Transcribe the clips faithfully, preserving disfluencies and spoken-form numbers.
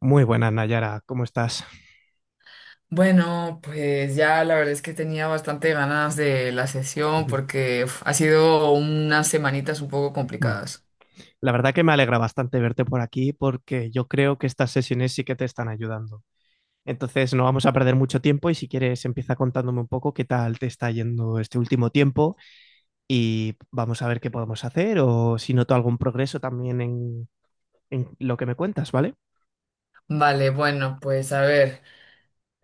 Muy buenas, Nayara, ¿cómo estás? Bueno, pues ya la verdad es que tenía bastante ganas de la sesión Ujú. porque uf, ha sido unas semanitas un poco Mm. complicadas. La verdad que me alegra bastante verte por aquí porque yo creo que estas sesiones sí que te están ayudando. Entonces, no vamos a perder mucho tiempo y si quieres empieza contándome un poco qué tal te está yendo este último tiempo y vamos a ver qué podemos hacer o si noto algún progreso también en, en lo que me cuentas, ¿vale? Vale, bueno, pues a ver.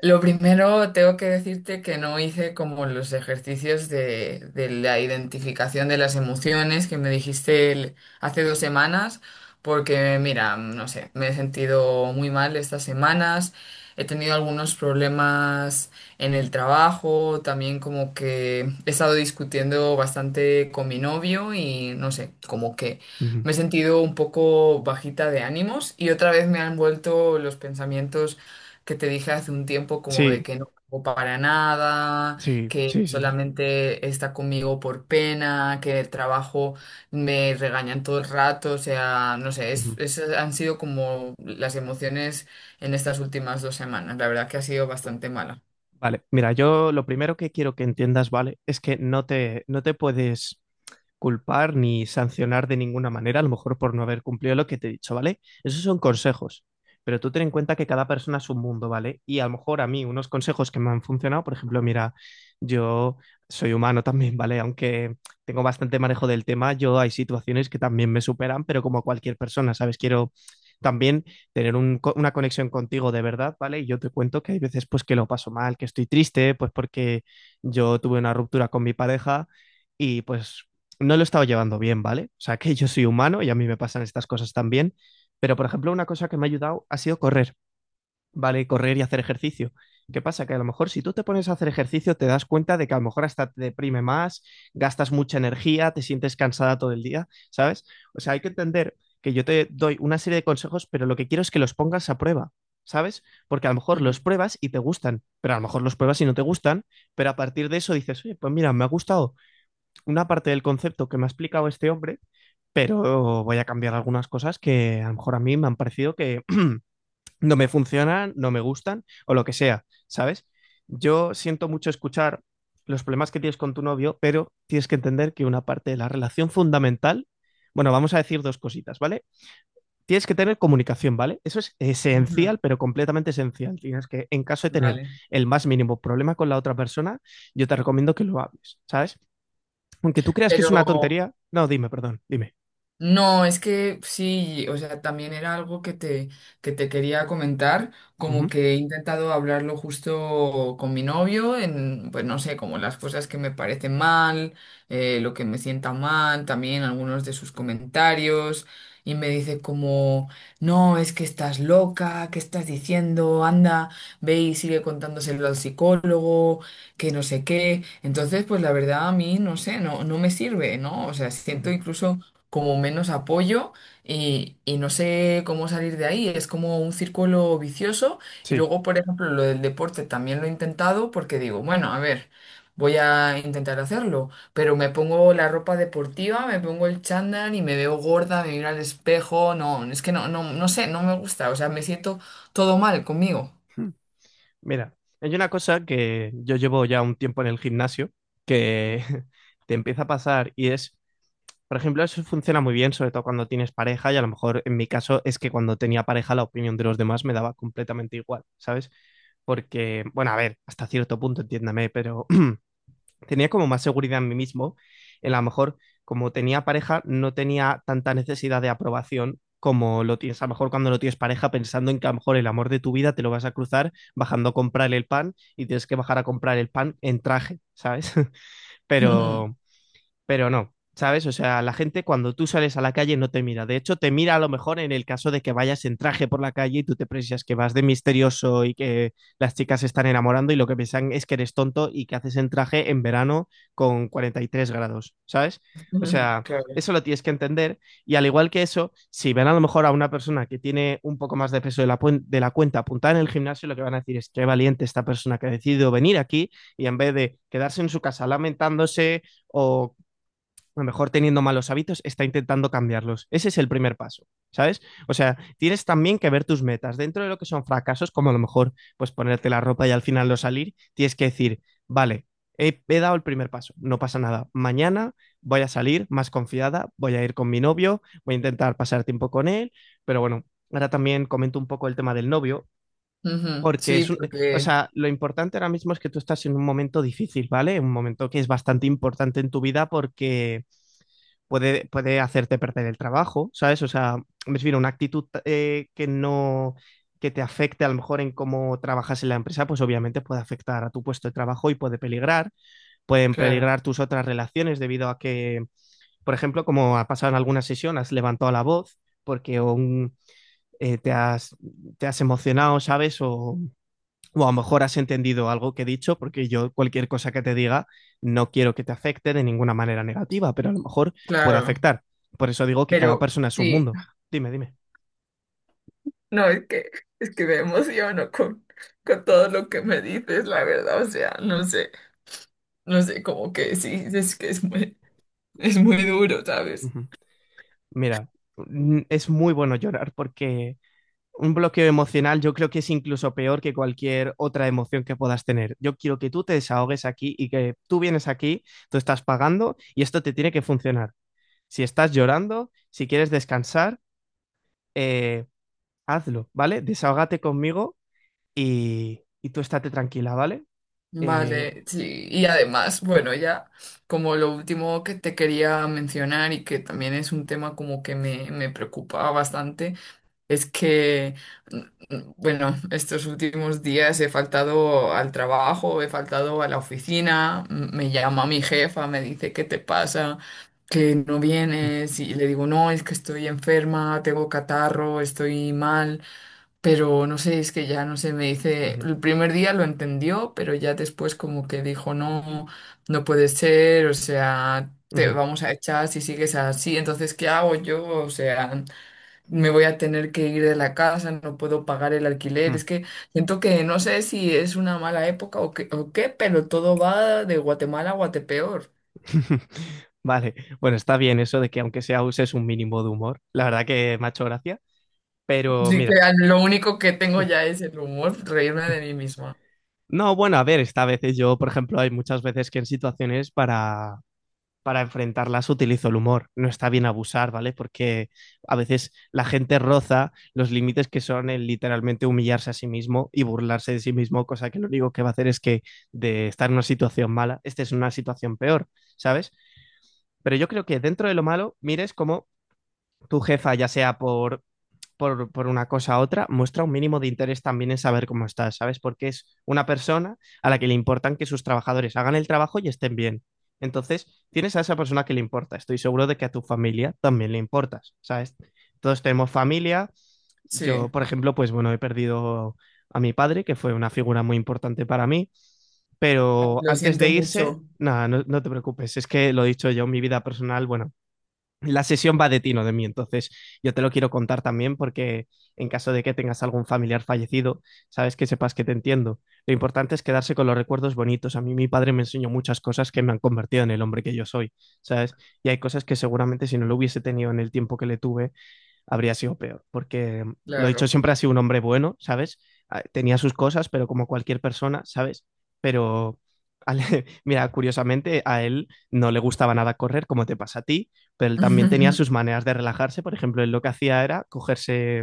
Lo primero, tengo que decirte que no hice como los ejercicios de, de la identificación de las emociones que me dijiste el- hace dos semanas, porque mira, no sé, me he sentido muy mal estas semanas, he tenido algunos problemas en el trabajo, también como que he estado discutiendo bastante con mi novio y no sé, como que Ujú. me he sentido un poco bajita de ánimos y otra vez me han vuelto los pensamientos que te dije hace un tiempo como de Sí, que no hago para nada, sí, que sí, sí. solamente está conmigo por pena, que el trabajo me regañan todo el rato, o sea, no sé, es, Ujú. esas han sido como las emociones en estas últimas dos semanas. La verdad que ha sido bastante mala. Vale, mira, yo lo primero que quiero que entiendas, ¿vale? Es que no te, no te puedes culpar ni sancionar de ninguna manera, a lo mejor por no haber cumplido lo que te he dicho, ¿vale? Esos son consejos, pero tú ten en cuenta que cada persona es un mundo, ¿vale? Y a lo mejor a mí unos consejos que me han funcionado, por ejemplo, mira, yo soy humano también, ¿vale? Aunque tengo bastante manejo del tema, yo hay situaciones que también me superan, pero como cualquier persona, ¿sabes? Quiero también tener un co- una conexión contigo de verdad, ¿vale? Y yo te cuento que hay veces pues que lo paso mal, que estoy triste, pues porque yo tuve una ruptura con mi pareja y pues no lo he estado llevando bien, ¿vale? O sea, que yo soy humano y a mí me pasan estas cosas también, pero por ejemplo, una cosa que me ha ayudado ha sido correr, ¿vale? Correr y hacer ejercicio. ¿Qué pasa? Que a lo mejor si tú te pones a hacer ejercicio te das cuenta de que a lo mejor hasta te deprime más, gastas mucha energía, te sientes cansada todo el día, ¿sabes? O sea, hay que entender que yo te doy una serie de consejos, pero lo que quiero es que los pongas a prueba. ¿Sabes? Porque a lo mejor Ujú, los pruebas y te gustan, pero a lo mejor los pruebas y no te gustan, pero a partir de eso dices, oye, pues mira, me ha gustado, una parte del concepto que me ha explicado este hombre, pero voy a cambiar algunas cosas que a lo mejor a mí me han parecido que no me funcionan, no me gustan o lo que sea, ¿sabes? Yo siento mucho escuchar los problemas que tienes con tu novio, pero tienes que entender que una parte de la relación fundamental, bueno, vamos a decir dos cositas, ¿vale? Tienes que tener comunicación, ¿vale? Eso es ujú, esencial, pero completamente esencial. Tienes que, en caso de tener vale. el más mínimo problema con la otra persona, yo te recomiendo que lo hables, ¿sabes? Aunque tú creas que es una Pero tontería. No, dime, perdón, dime. no, es que sí, o sea, también era algo que te, que te quería comentar, como Ujú, que he intentado hablarlo justo con mi novio, en, pues no sé, como las cosas que me parecen mal, eh, lo que me sienta mal, también algunos de sus comentarios, y me dice como, no, es que estás loca, ¿qué estás diciendo? Anda, ve y sigue contándoselo al psicólogo, que no sé qué. Entonces, pues la verdad a mí, no sé, no, no me sirve, ¿no? O sea, siento ujú. incluso como menos apoyo y, y no sé cómo salir de ahí. Es como un círculo vicioso. Y Sí. luego, por ejemplo, lo del deporte también lo he intentado porque digo, bueno, a ver, voy a intentar hacerlo, pero me pongo la ropa deportiva, me pongo el chándal y me veo gorda, me miro al espejo. No, es que no, no, no sé, no me gusta. O sea, me siento todo mal conmigo. Uh-huh. Mira, hay una cosa que yo llevo ya un tiempo en el gimnasio que te empieza a pasar y es, por ejemplo, eso funciona muy bien, sobre todo cuando tienes pareja y a lo mejor en mi caso es que cuando tenía pareja la opinión de los demás me daba completamente igual, ¿sabes? Porque, bueno, a ver, hasta cierto punto, entiéndame, pero tenía como más seguridad en mí mismo. A lo mejor, como tenía pareja, no tenía tanta necesidad de aprobación como lo tienes a lo mejor cuando no tienes pareja, pensando en que a lo mejor el amor de tu vida te lo vas a cruzar bajando a comprar el pan y tienes que bajar a comprar el pan en traje, ¿sabes? Pero, pero no, ¿sabes? O sea, la gente cuando tú sales a la calle no te mira. De hecho, te mira a lo mejor en el caso de que vayas en traje por la calle y tú te precias que vas de misterioso y que las chicas se están enamorando y lo que piensan es que eres tonto y que haces en traje en verano con cuarenta y tres grados, ¿sabes? O sea... Claro, Eso lo tienes que entender. Y al igual que eso, si ven a lo mejor a una persona que tiene un poco más de peso de la, puen- de la cuenta apuntada en el gimnasio, lo que van a decir es qué valiente esta persona que ha decidido venir aquí y en vez de quedarse en su casa lamentándose o a lo mejor teniendo malos hábitos, está intentando cambiarlos. Ese es el primer paso, ¿sabes? O sea, tienes también que ver tus metas. Dentro de lo que son fracasos, como a lo mejor pues ponerte la ropa y al final no salir, tienes que decir, vale, he, he dado el primer paso, no pasa nada. Mañana voy a salir más confiada, voy a ir con mi novio, voy a intentar pasar tiempo con él, pero bueno, ahora también comento un poco el tema del novio, ujú, porque sí, es un, o porque, sea, lo importante ahora mismo es que tú estás en un momento difícil, ¿vale? Un momento que es bastante importante en tu vida porque puede, puede hacerte perder el trabajo, ¿sabes? O sea, me refiero a una actitud eh, que no que te afecte a lo mejor en cómo trabajas en la empresa, pues obviamente puede afectar a tu puesto de trabajo y puede peligrar, pueden claro. peligrar tus otras relaciones debido a que, por ejemplo, como ha pasado en alguna sesión, has levantado la voz porque un, eh, te, has, te has emocionado, ¿sabes? O, o a lo mejor has entendido algo que he dicho, porque yo cualquier cosa que te diga no quiero que te afecte de ninguna manera negativa, pero a lo mejor puede Claro, afectar. Por eso digo que cada pero persona es un sí. mundo. Dime, dime. No, es que, es que me emociono con, con todo lo que me dices, la verdad. O sea, no sé, no sé, como que sí, es que es muy, es muy duro, Uh ¿sabes? -huh. Mira, mm, es muy bueno llorar porque un bloqueo emocional yo creo que es incluso peor que cualquier otra emoción que puedas tener. Yo quiero que tú te desahogues aquí y que tú vienes aquí, tú estás pagando y esto te tiene que funcionar. Si estás llorando, si quieres descansar, eh, hazlo, ¿vale? Desahógate conmigo y, y tú estate tranquila, ¿vale? Eh, Vale, sí. Y además, bueno, ya como lo último que te quería mencionar y que también es un tema como que me, me preocupa bastante. Es que, mm, mm, bueno, estos últimos días he faltado al trabajo, he faltado a la oficina, m- me llama mi jefa, me dice, ¿qué te pasa? Que no vienes y le digo, no, es que estoy enferma, tengo catarro, estoy mal, pero no sé, es que ya no sé, me dice, Ujú, el primer día lo entendió, pero ya después como que dijo, no, no puede ser, o sea, te ujú, vamos a echar si sigues así, entonces, ¿qué hago yo? O sea me voy a tener que ir de la casa, no puedo pagar el alquiler. ujú. Es que siento que no sé si es una mala época o qué, o qué, pero todo va de Guatemala a Guatepeor. Vale, bueno, está bien eso de que aunque sea uses un mínimo de humor. La verdad que me ha hecho gracia, pero Así que mira, a- lo único que tengo ya es el humor, reírme de mí misma. no, bueno, a ver, esta vez yo, por ejemplo, hay muchas veces que en situaciones para para enfrentarlas utilizo el humor. No está bien abusar, ¿vale? Porque a veces la gente roza los límites que son el literalmente humillarse a sí mismo y burlarse de sí mismo, cosa que lo único que va a hacer es que de estar en una situación mala, esta es una situación peor, ¿sabes? Pero yo creo que dentro de lo malo, mires como tu jefa, ya sea por, por, por una cosa u otra, muestra un mínimo de interés también en saber cómo estás, ¿sabes? Porque es una persona a la que le importan que sus trabajadores hagan el trabajo y estén bien. Entonces, tienes a esa persona que le importa. Estoy seguro de que a tu familia también le importas, ¿sabes? Todos tenemos familia. Yo, Sí, por ejemplo, pues bueno, he perdido a mi padre, que fue una figura muy importante para mí. ay, Pero lo antes siento de irse, mucho, nada, no, no te preocupes. Es que lo he dicho yo, mi vida personal, bueno, la sesión va de ti, no de mí. Entonces, yo te lo quiero contar también porque en caso de que tengas algún familiar fallecido, sabes que sepas que te entiendo. Lo importante es quedarse con los recuerdos bonitos. A mí mi padre me enseñó muchas cosas que me han convertido en el hombre que yo soy, ¿sabes? Y hay cosas que seguramente si no lo hubiese tenido en el tiempo que le tuve, habría sido peor, porque mm, lo dicho, claro. siempre ha sido un hombre bueno, ¿sabes? Ah, tenía sus cosas, pero como cualquier persona, ¿sabes? Pero, al- mira, curiosamente a él no le gustaba nada correr, como te pasa a ti, pero él también tenía sus maneras de relajarse. Por ejemplo, él lo que hacía era cogerse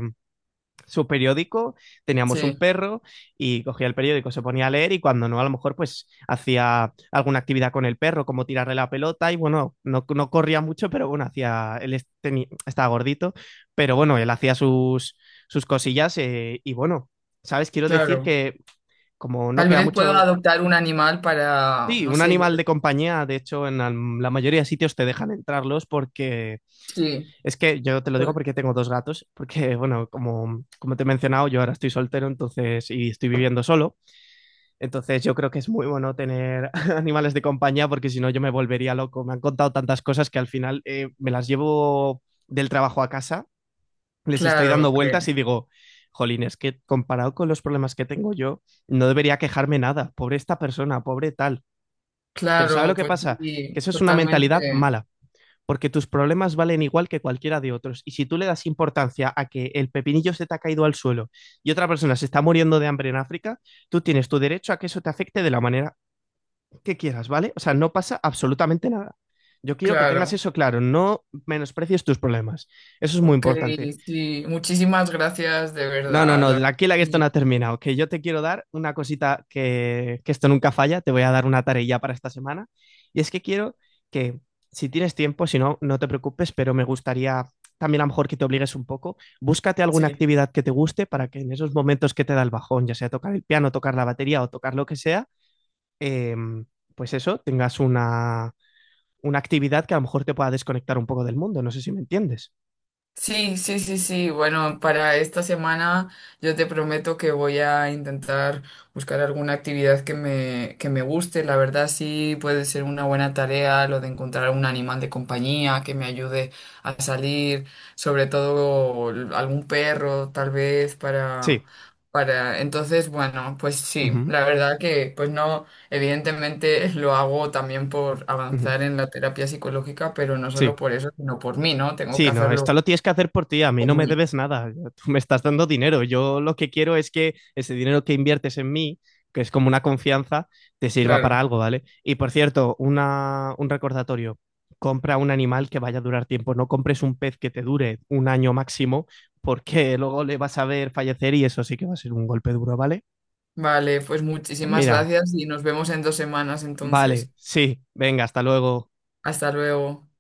su periódico, teníamos un Sí, perro y cogía el periódico, se ponía a leer y cuando no, a lo mejor pues hacía alguna actividad con el perro, como tirarle la pelota y bueno, no, no corría mucho, pero bueno, hacía, él tenía, estaba gordito, pero bueno, él hacía sus, sus cosillas eh, y bueno, ¿sabes? Quiero decir claro. que como no Tal queda vez puedo mucho... adoptar un animal para, Sí, no un sé, yo animal de creo. compañía, de hecho, en la la mayoría de sitios te dejan entrarlos porque Sí, es que yo te lo digo pod- porque tengo dos gatos, porque bueno, como, como te he mencionado, yo ahora estoy soltero, entonces, y estoy viviendo solo, entonces yo creo que es muy bueno tener animales de compañía porque si no yo me volvería loco. Me han contado tantas cosas que al final eh, me las llevo del trabajo a casa, les estoy claro, dando vueltas que- y digo, jolín, es que comparado con los problemas que tengo yo, no debería quejarme nada, pobre esta persona, pobre tal. Pero ¿sabe lo claro, que pues pasa? Que sí, eso es una mentalidad totalmente, mala porque tus problemas valen igual que cualquiera de otros. Y si tú le das importancia a que el pepinillo se te ha caído al suelo y otra persona se está muriendo de hambre en África, tú tienes tu derecho a que eso te afecte de la manera que quieras, ¿vale? O sea, no pasa absolutamente nada. Yo quiero que tengas claro. eso claro, no menosprecies tus problemas. Eso es muy Ok, importante. sí, muchísimas gracias de No, no, verdad. no, la- aquí la que esto no ha terminado. Que yo te quiero dar una cosita que, que esto nunca falla. Te voy a dar una tarea para esta semana. Y es que quiero que, si tienes tiempo, si no, no te preocupes, pero me gustaría también a lo mejor que te obligues un poco. Búscate alguna Sí. actividad que te guste para que en esos momentos que te da el bajón, ya sea tocar el piano, tocar la batería o tocar lo que sea, em, pues eso, tengas una, una actividad que a lo mejor te pueda desconectar un poco del mundo. No sé si me entiendes. Sí, sí, sí, sí. Bueno, para esta semana yo te prometo que voy a intentar buscar alguna actividad que me, que me guste. La verdad sí puede ser una buena tarea lo de encontrar un animal de compañía que me ayude a salir, sobre todo algún perro, tal vez para, Sí. para... Entonces, bueno, pues sí, Ujú, la verdad que pues no, evidentemente lo hago también por ujú. avanzar en la terapia psicológica, pero no Sí. solo por eso, sino por mí, ¿no? Tengo que Sí, no, esto hacerlo. lo tienes que hacer por ti, a mí no me Vale. debes nada, yo- tú me estás dando dinero, yo lo que quiero es que ese dinero que inviertes en mí, que es como una confianza, te sirva para Claro. algo, ¿vale? Y por cierto, una, un recordatorio, compra un animal que vaya a durar tiempo, no compres un pez que te dure un año máximo, porque luego le vas a ver fallecer y eso sí que va a ser un golpe duro, ¿vale? Vale, pues Pues muchísimas mira, gracias y nos vemos en dos semanas vale, entonces. sí, venga, hasta luego. Hasta luego.